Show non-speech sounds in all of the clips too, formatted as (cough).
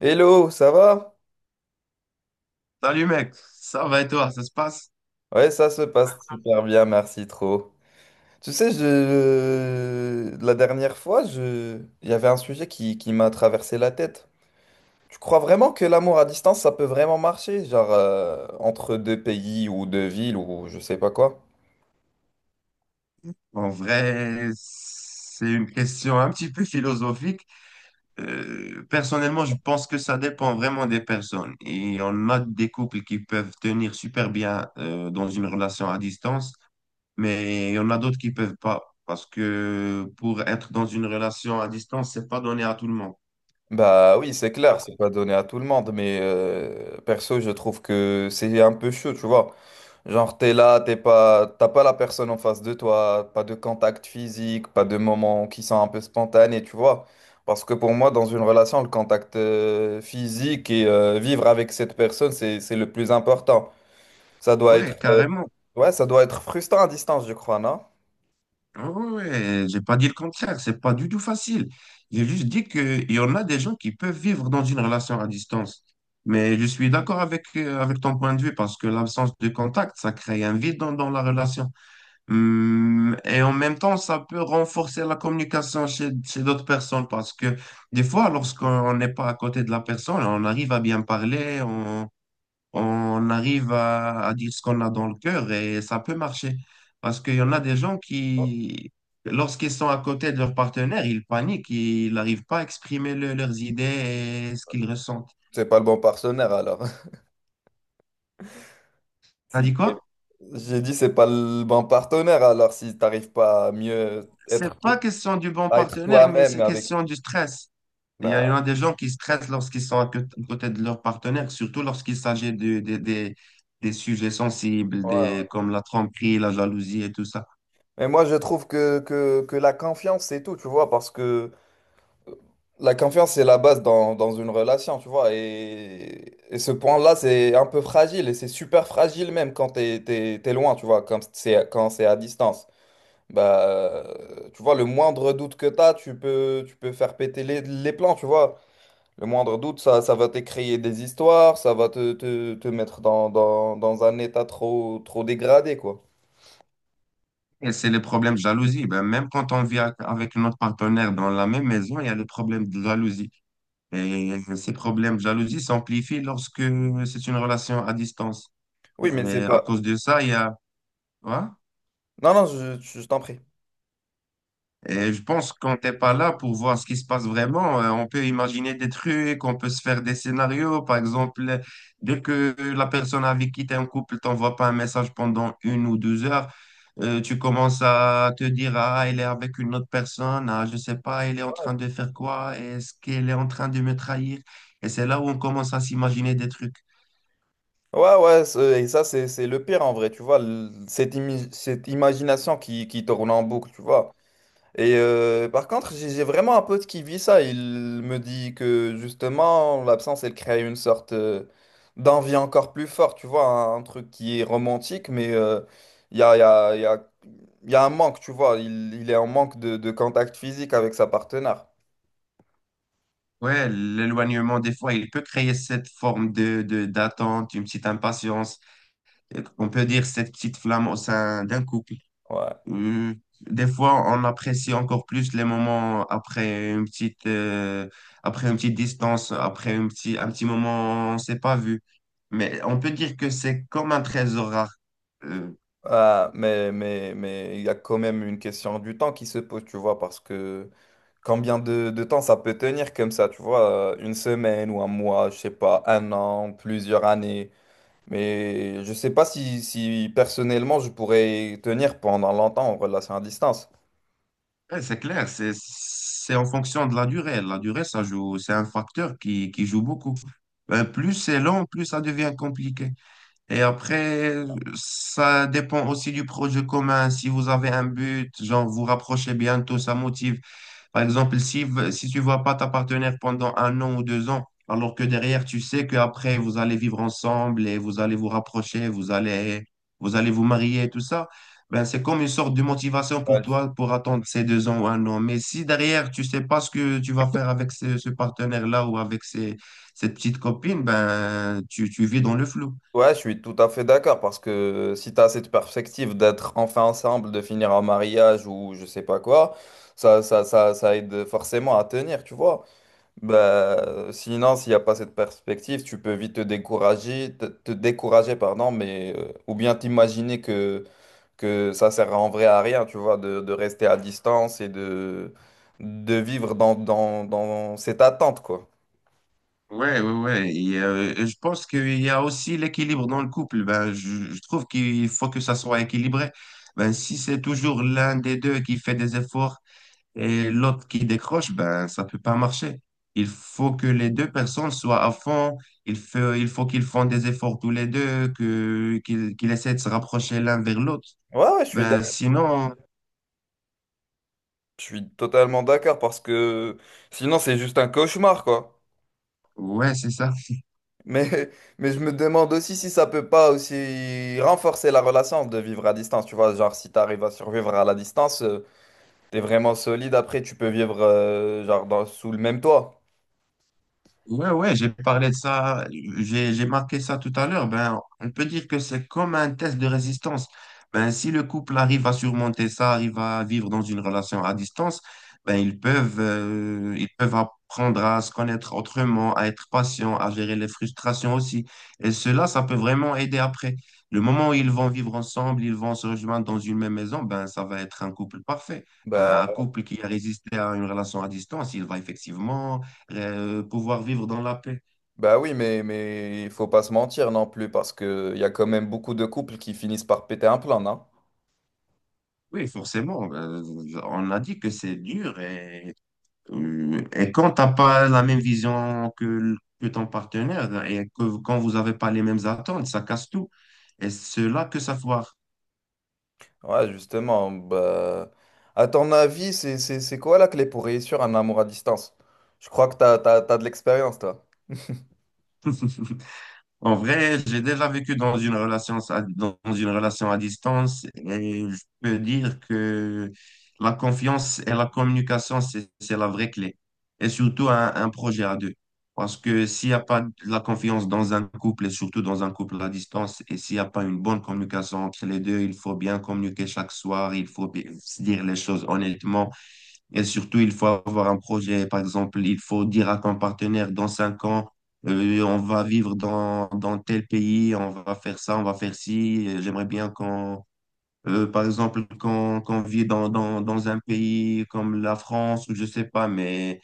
Hello, ça va? Salut mec, ça va et toi, ça se passe? Ouais, ça se passe super bien, merci trop. Tu sais, la dernière fois, il y avait un sujet qui m'a traversé la tête. Tu crois vraiment que l'amour à distance, ça peut vraiment marcher? Genre, entre deux pays ou deux villes ou je sais pas quoi? En vrai, c'est une question un petit peu philosophique. Personnellement, je pense que ça dépend vraiment des personnes. Et on a des couples qui peuvent tenir super bien dans une relation à distance, mais il y en a d'autres qui peuvent pas. Parce que pour être dans une relation à distance, c'est pas donné à tout le monde. Bah oui, c'est clair, c'est pas donné à tout le monde, mais perso, je trouve que c'est un peu chaud, tu vois. Genre, t'es là, t'es pas, t'as pas la personne en face de toi, pas de contact physique, pas de moments qui sont un peu spontanés, tu vois. Parce que pour moi, dans une relation, le contact physique et vivre avec cette personne, c'est le plus important. Ça doit être, Ouais, euh, carrément. ouais, ça doit être frustrant à distance, je crois, non? Ah ouais, ouais, j'ai pas dit le contraire, c'est pas du tout facile. J'ai juste dit qu'il y en a des gens qui peuvent vivre dans une relation à distance. Mais je suis d'accord avec ton point de vue parce que l'absence de contact, ça crée un vide dans la relation. Et en même temps, ça peut renforcer la communication chez d'autres personnes parce que des fois, lorsqu'on n'est pas à côté de la personne, on arrive à bien parler, on arrive à dire ce qu'on a dans le cœur et ça peut marcher. Parce qu'il y en a des gens qui, lorsqu'ils sont à côté de leur partenaire, ils paniquent, ils n'arrivent pas à exprimer leurs idées et ce qu'ils ressentent. C'est pas le bon partenaire alors. (laughs) Si T'as dit quoi? j'ai dit, c'est pas le bon partenaire alors si t'arrives pas à mieux C'est être, pas question du bon à être partenaire, mais toi-même c'est avec. question du stress. Il y en a il y en Bah, a des gens qui stressent lorsqu'ils sont à côté de leur partenaire, surtout lorsqu'il s'agit des sujets sensibles, ouais. comme la tromperie, la jalousie et tout ça. Mais moi, je trouve que la confiance, c'est tout, tu vois, parce que la confiance, c'est la base dans une relation, tu vois. Et ce point-là, c'est un peu fragile, et c'est super fragile même quand t'es loin, tu vois, quand c'est à distance. Bah, tu vois, le moindre doute que t'as, tu peux faire péter les plans, tu vois. Le moindre doute, ça va te créer des histoires, ça va te mettre dans un état trop dégradé, quoi. Et c'est le problème de jalousie. Ben, même quand on vit avec notre partenaire dans la même maison, il y a le problème de jalousie. Et ces problèmes de jalousie s'amplifient lorsque c'est une relation à distance. Et Oui, mais c'est à pas... cause de ça, il y a... Ouais. Non, non, je t'en prie. Et je pense que quand t'es pas là pour voir ce qui se passe vraiment, on peut imaginer des trucs, on peut se faire des scénarios. Par exemple, dès que la personne avec qui t'es en couple t'envoie pas un message pendant 1 ou 2 heures, tu commences à te dire, ah, elle est avec une autre personne, ah, je sais pas, elle est en train de faire quoi, est-ce qu'elle est en train de me trahir? Et c'est là où on commence à s'imaginer des trucs. Ouais, ouais, ça, c'est le pire en vrai, tu vois, cette imagination qui tourne en boucle, tu vois. Et par contre, j'ai vraiment un pote qui vit ça. Il me dit que justement, l'absence, elle crée une sorte d'envie encore plus forte, tu vois, un truc qui est romantique, mais il y a, il y a, il y a, il y a un manque, tu vois. Il est en manque de contact physique avec sa partenaire. Ouais, l'éloignement, des fois, il peut créer cette forme d'attente, une petite impatience, on peut dire, cette petite flamme au sein d'un couple. Ouais. Euh, des fois, on apprécie encore plus les moments après après une petite distance, après un petit moment, on ne s'est pas vu. Mais on peut dire que c'est comme un trésor rare. Euh, Ah, mais il y a quand même une question du temps qui se pose, tu vois, parce que. Combien de temps ça peut tenir comme ça, tu vois, une semaine ou un mois, je sais pas, un an, plusieurs années. Mais je sais pas si personnellement je pourrais tenir pendant longtemps en relation à distance. ouais, c'est clair, c'est en fonction de la durée. La durée, ça joue, c'est un facteur qui joue beaucoup. Plus c'est long, plus ça devient compliqué. Et après, ça dépend aussi du projet commun. Si vous avez un but, genre vous rapprochez bientôt, ça motive. Par exemple, si tu vois pas ta partenaire pendant 1 an ou 2 ans, alors que derrière, tu sais qu'après, vous allez vivre ensemble et vous allez vous rapprocher, vous allez, vous allez vous marier, tout ça, ben, c'est comme une sorte de motivation pour Ouais, je, toi pour attendre ces 2 ans ou 1 an. Mais si derrière, tu sais pas ce que tu vas faire avec ce partenaire-là ou avec cette petite copine, ben, tu vis dans le flou. ouais, je suis tout à fait d'accord parce que si tu as cette perspective d'être enfin ensemble, de finir en mariage ou je sais pas quoi, ça aide forcément à tenir, tu vois. Bah, sinon, s'il n'y a pas cette perspective, tu peux vite te décourager, te décourager, pardon, mais, ou bien t'imaginer que ça sert en vrai à rien, tu vois, de rester à distance et de vivre dans cette attente, quoi. Ouais, ouais, ouais. Et je pense qu'il y a aussi l'équilibre dans le couple. Ben, je trouve qu'il faut que ça soit équilibré. Ben, si c'est toujours l'un des deux qui fait des efforts et l'autre qui décroche, ben, ça peut pas marcher. Il faut que les deux personnes soient à fond. Il faut qu'ils font des efforts tous les deux, qu'ils essaient de se rapprocher l'un vers l'autre. Ouais, ouais, Ben, sinon, je suis totalement d'accord parce que sinon, c'est juste un cauchemar, quoi. ouais, c'est ça. (laughs) Mais, mais je me demande aussi si ça peut pas aussi renforcer la relation de vivre à distance, tu vois, genre si tu arrives à survivre à la distance. T'es vraiment solide, après tu peux vivre genre sous le même toit. Ouais, ouais, j'ai parlé de ça, j'ai marqué ça tout à l'heure. Ben, on peut dire que c'est comme un test de résistance. Ben, si le couple arrive à surmonter ça, arrive à vivre dans une relation à distance, ben, ils peuvent apprendre à se connaître autrement, à être patient, à gérer les frustrations aussi. Et cela, ça peut vraiment aider après. Le moment où ils vont vivre ensemble, ils vont se rejoindre dans une même maison, ben, ça va être un couple parfait. Ben, Bah, un couple qui a résisté à une relation à distance, il va effectivement pouvoir vivre dans la paix. bah oui, mais il faut pas se mentir non plus, parce que il y a quand même beaucoup de couples qui finissent par péter un plan, non? Oui, forcément, on a dit que c'est dur et quand t'as pas la même vision que ton partenaire et que quand vous n'avez pas les mêmes attentes, ça casse tout. Et c'est là que ça foire. Ouais, justement, bah... À ton avis, c'est quoi la clé pour réussir un amour à distance? Je crois que t'as de l'expérience, toi. (laughs) En vrai, j'ai déjà vécu dans une relation à distance et je peux dire que la confiance et la communication, c'est la vraie clé. Et surtout un projet à deux. Parce que s'il n'y a pas de la confiance dans un couple et surtout dans un couple à distance et s'il n'y a pas une bonne communication entre les deux, il faut bien communiquer chaque soir, il faut bien se dire les choses honnêtement. Et surtout, il faut avoir un projet. Par exemple, il faut dire à ton partenaire, dans 5 ans, on va vivre dans tel pays, on va faire ça, on va faire ci. J'aimerais bien qu'on, par exemple, qu'on qu'on vit dans un pays comme la France ou je sais pas, mais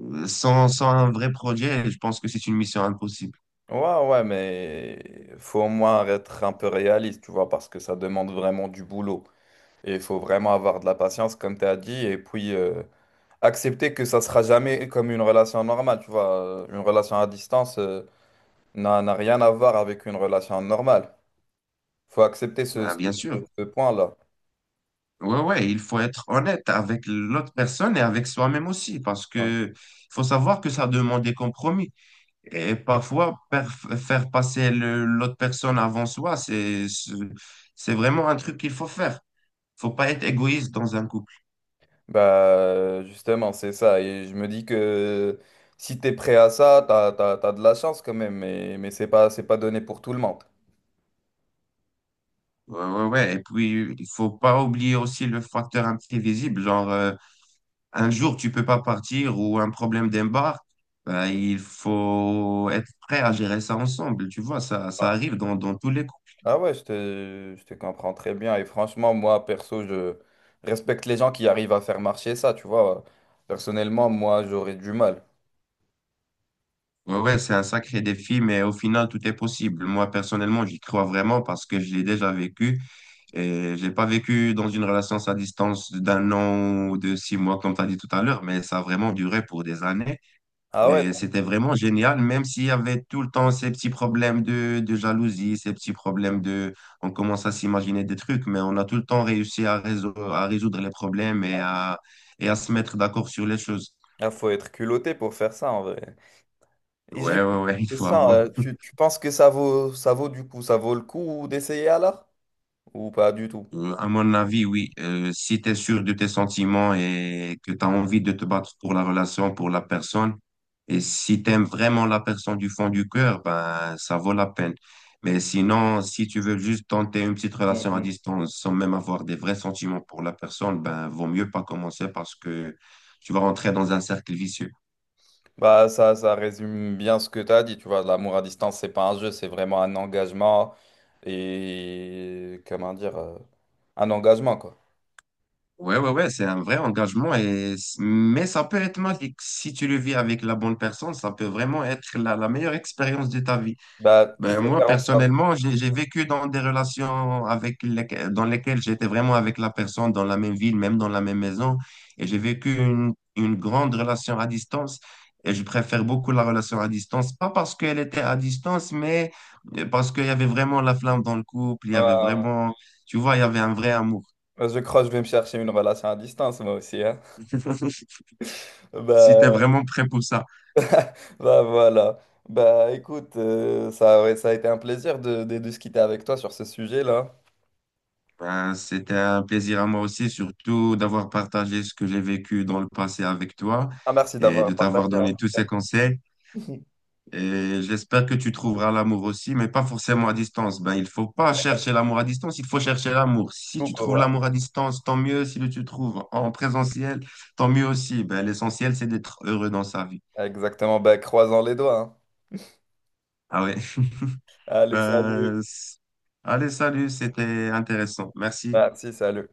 sans un vrai projet, je pense que c'est une mission impossible. Ouais, ouais, mais faut au moins être un peu réaliste, tu vois, parce que ça demande vraiment du boulot. Et il faut vraiment avoir de la patience, comme tu as dit, et puis... accepter que ça sera jamais comme une relation normale, tu vois. Une relation à distance n'a rien à voir avec une relation normale. Faut accepter Ben, bien sûr. ce point-là. Ouais, ouais, il faut être honnête avec l'autre personne et avec soi-même aussi, parce Ouais. que faut savoir que ça demande des compromis. Et parfois, faire passer l'autre personne avant soi, c'est vraiment un truc qu'il faut faire. Faut pas être égoïste dans un couple. Bah, justement, c'est ça. Et je me dis que si t'es prêt à ça, t'as de la chance quand même, mais c'est pas donné pour tout le monde. Ouais, ouais, ouais. Et puis, il faut pas oublier aussi le facteur imprévisible. Genre, un jour, tu peux pas partir ou un problème d'embarque. Bah, il faut être prêt à gérer ça ensemble. Tu vois, ça, Ouais. ça arrive dans tous les couples. Ah ouais, je te comprends très bien. Et franchement, moi, perso, je respecte les gens qui arrivent à faire marcher ça, tu vois. Personnellement, moi, j'aurais du mal. Ouais, ouais, c'est un sacré défi, mais au final, tout est possible. Moi, personnellement, j'y crois vraiment parce que je l'ai déjà vécu. Et j'ai pas vécu dans une relation à distance d'un an ou de 6 mois, comme tu as dit tout à l'heure, mais ça a vraiment duré pour des années. Ah ouais, Et c'était vraiment génial, même s'il y avait tout le temps ces petits problèmes de jalousie, ces petits problèmes de... On commence à s'imaginer des trucs, mais on a tout le temps réussi à résoudre les problèmes et à se mettre d'accord sur les choses. ah, faut être culotté pour faire ça en vrai. Et j'ai Ouais, eu ouais, une ouais, (laughs) il faut question, avoir tu penses que ça vaut, ça vaut le coup d'essayer alors? Ou pas du tout? À mon avis, oui. Si tu es sûr de tes sentiments et que tu as envie de te battre pour la relation, pour la personne, et si tu aimes vraiment la personne du fond du cœur, ben, ça vaut la peine. Mais sinon, si tu veux juste tenter une petite relation à Mhm. distance sans même avoir des vrais sentiments pour la personne, ben, vaut mieux pas commencer parce que tu vas rentrer dans un cercle vicieux. Bah ça, ça résume bien ce que tu as dit, tu vois, l'amour à distance, c'est pas un jeu, c'est vraiment un engagement et comment dire, un engagement quoi. Ouais, ouais, ouais, c'est un vrai engagement et, mais ça peut être magique. Si tu le vis avec la bonne personne, ça peut vraiment être la meilleure expérience de ta vie. Bah je Ben, vais moi, faire en sorte. personnellement, j'ai vécu dans des relations dans lesquelles j'étais vraiment avec la personne dans la même ville, même dans la même maison. Et j'ai vécu une grande relation à distance. Et je préfère beaucoup la relation à distance, pas parce qu'elle était à distance, mais parce qu'il y avait vraiment la flamme dans le couple. Il y Ouais, ouais. avait Ouais. vraiment, tu vois, il y avait un vrai amour. Bah, je crois que je vais me chercher une relation à distance moi aussi, hein. (laughs) (laughs) Si tu es Bah, vraiment prêt pour ça. bah voilà. Bah écoute, ouais, ça a été un plaisir de discuter avec toi sur ce sujet-là. Ben, c'était un plaisir à moi aussi, surtout d'avoir partagé ce que j'ai vécu dans le passé avec toi Ah merci et de d'avoir t'avoir partagé en donné tout tous cas. ces conseils. Et j'espère que tu trouveras l'amour aussi, mais pas forcément à distance. Ben, il faut pas chercher l'amour à distance, il faut chercher l'amour. Si Tout tu pour trouves moi. l'amour à distance, tant mieux. Si tu le trouves en présentiel, tant mieux aussi. Ben, l'essentiel, c'est d'être heureux dans sa vie. Exactement. Bah croisons les doigts, hein. Ah ouais. (laughs) Allez, salut. Ben, allez, salut, c'était intéressant. Merci. Merci, salut.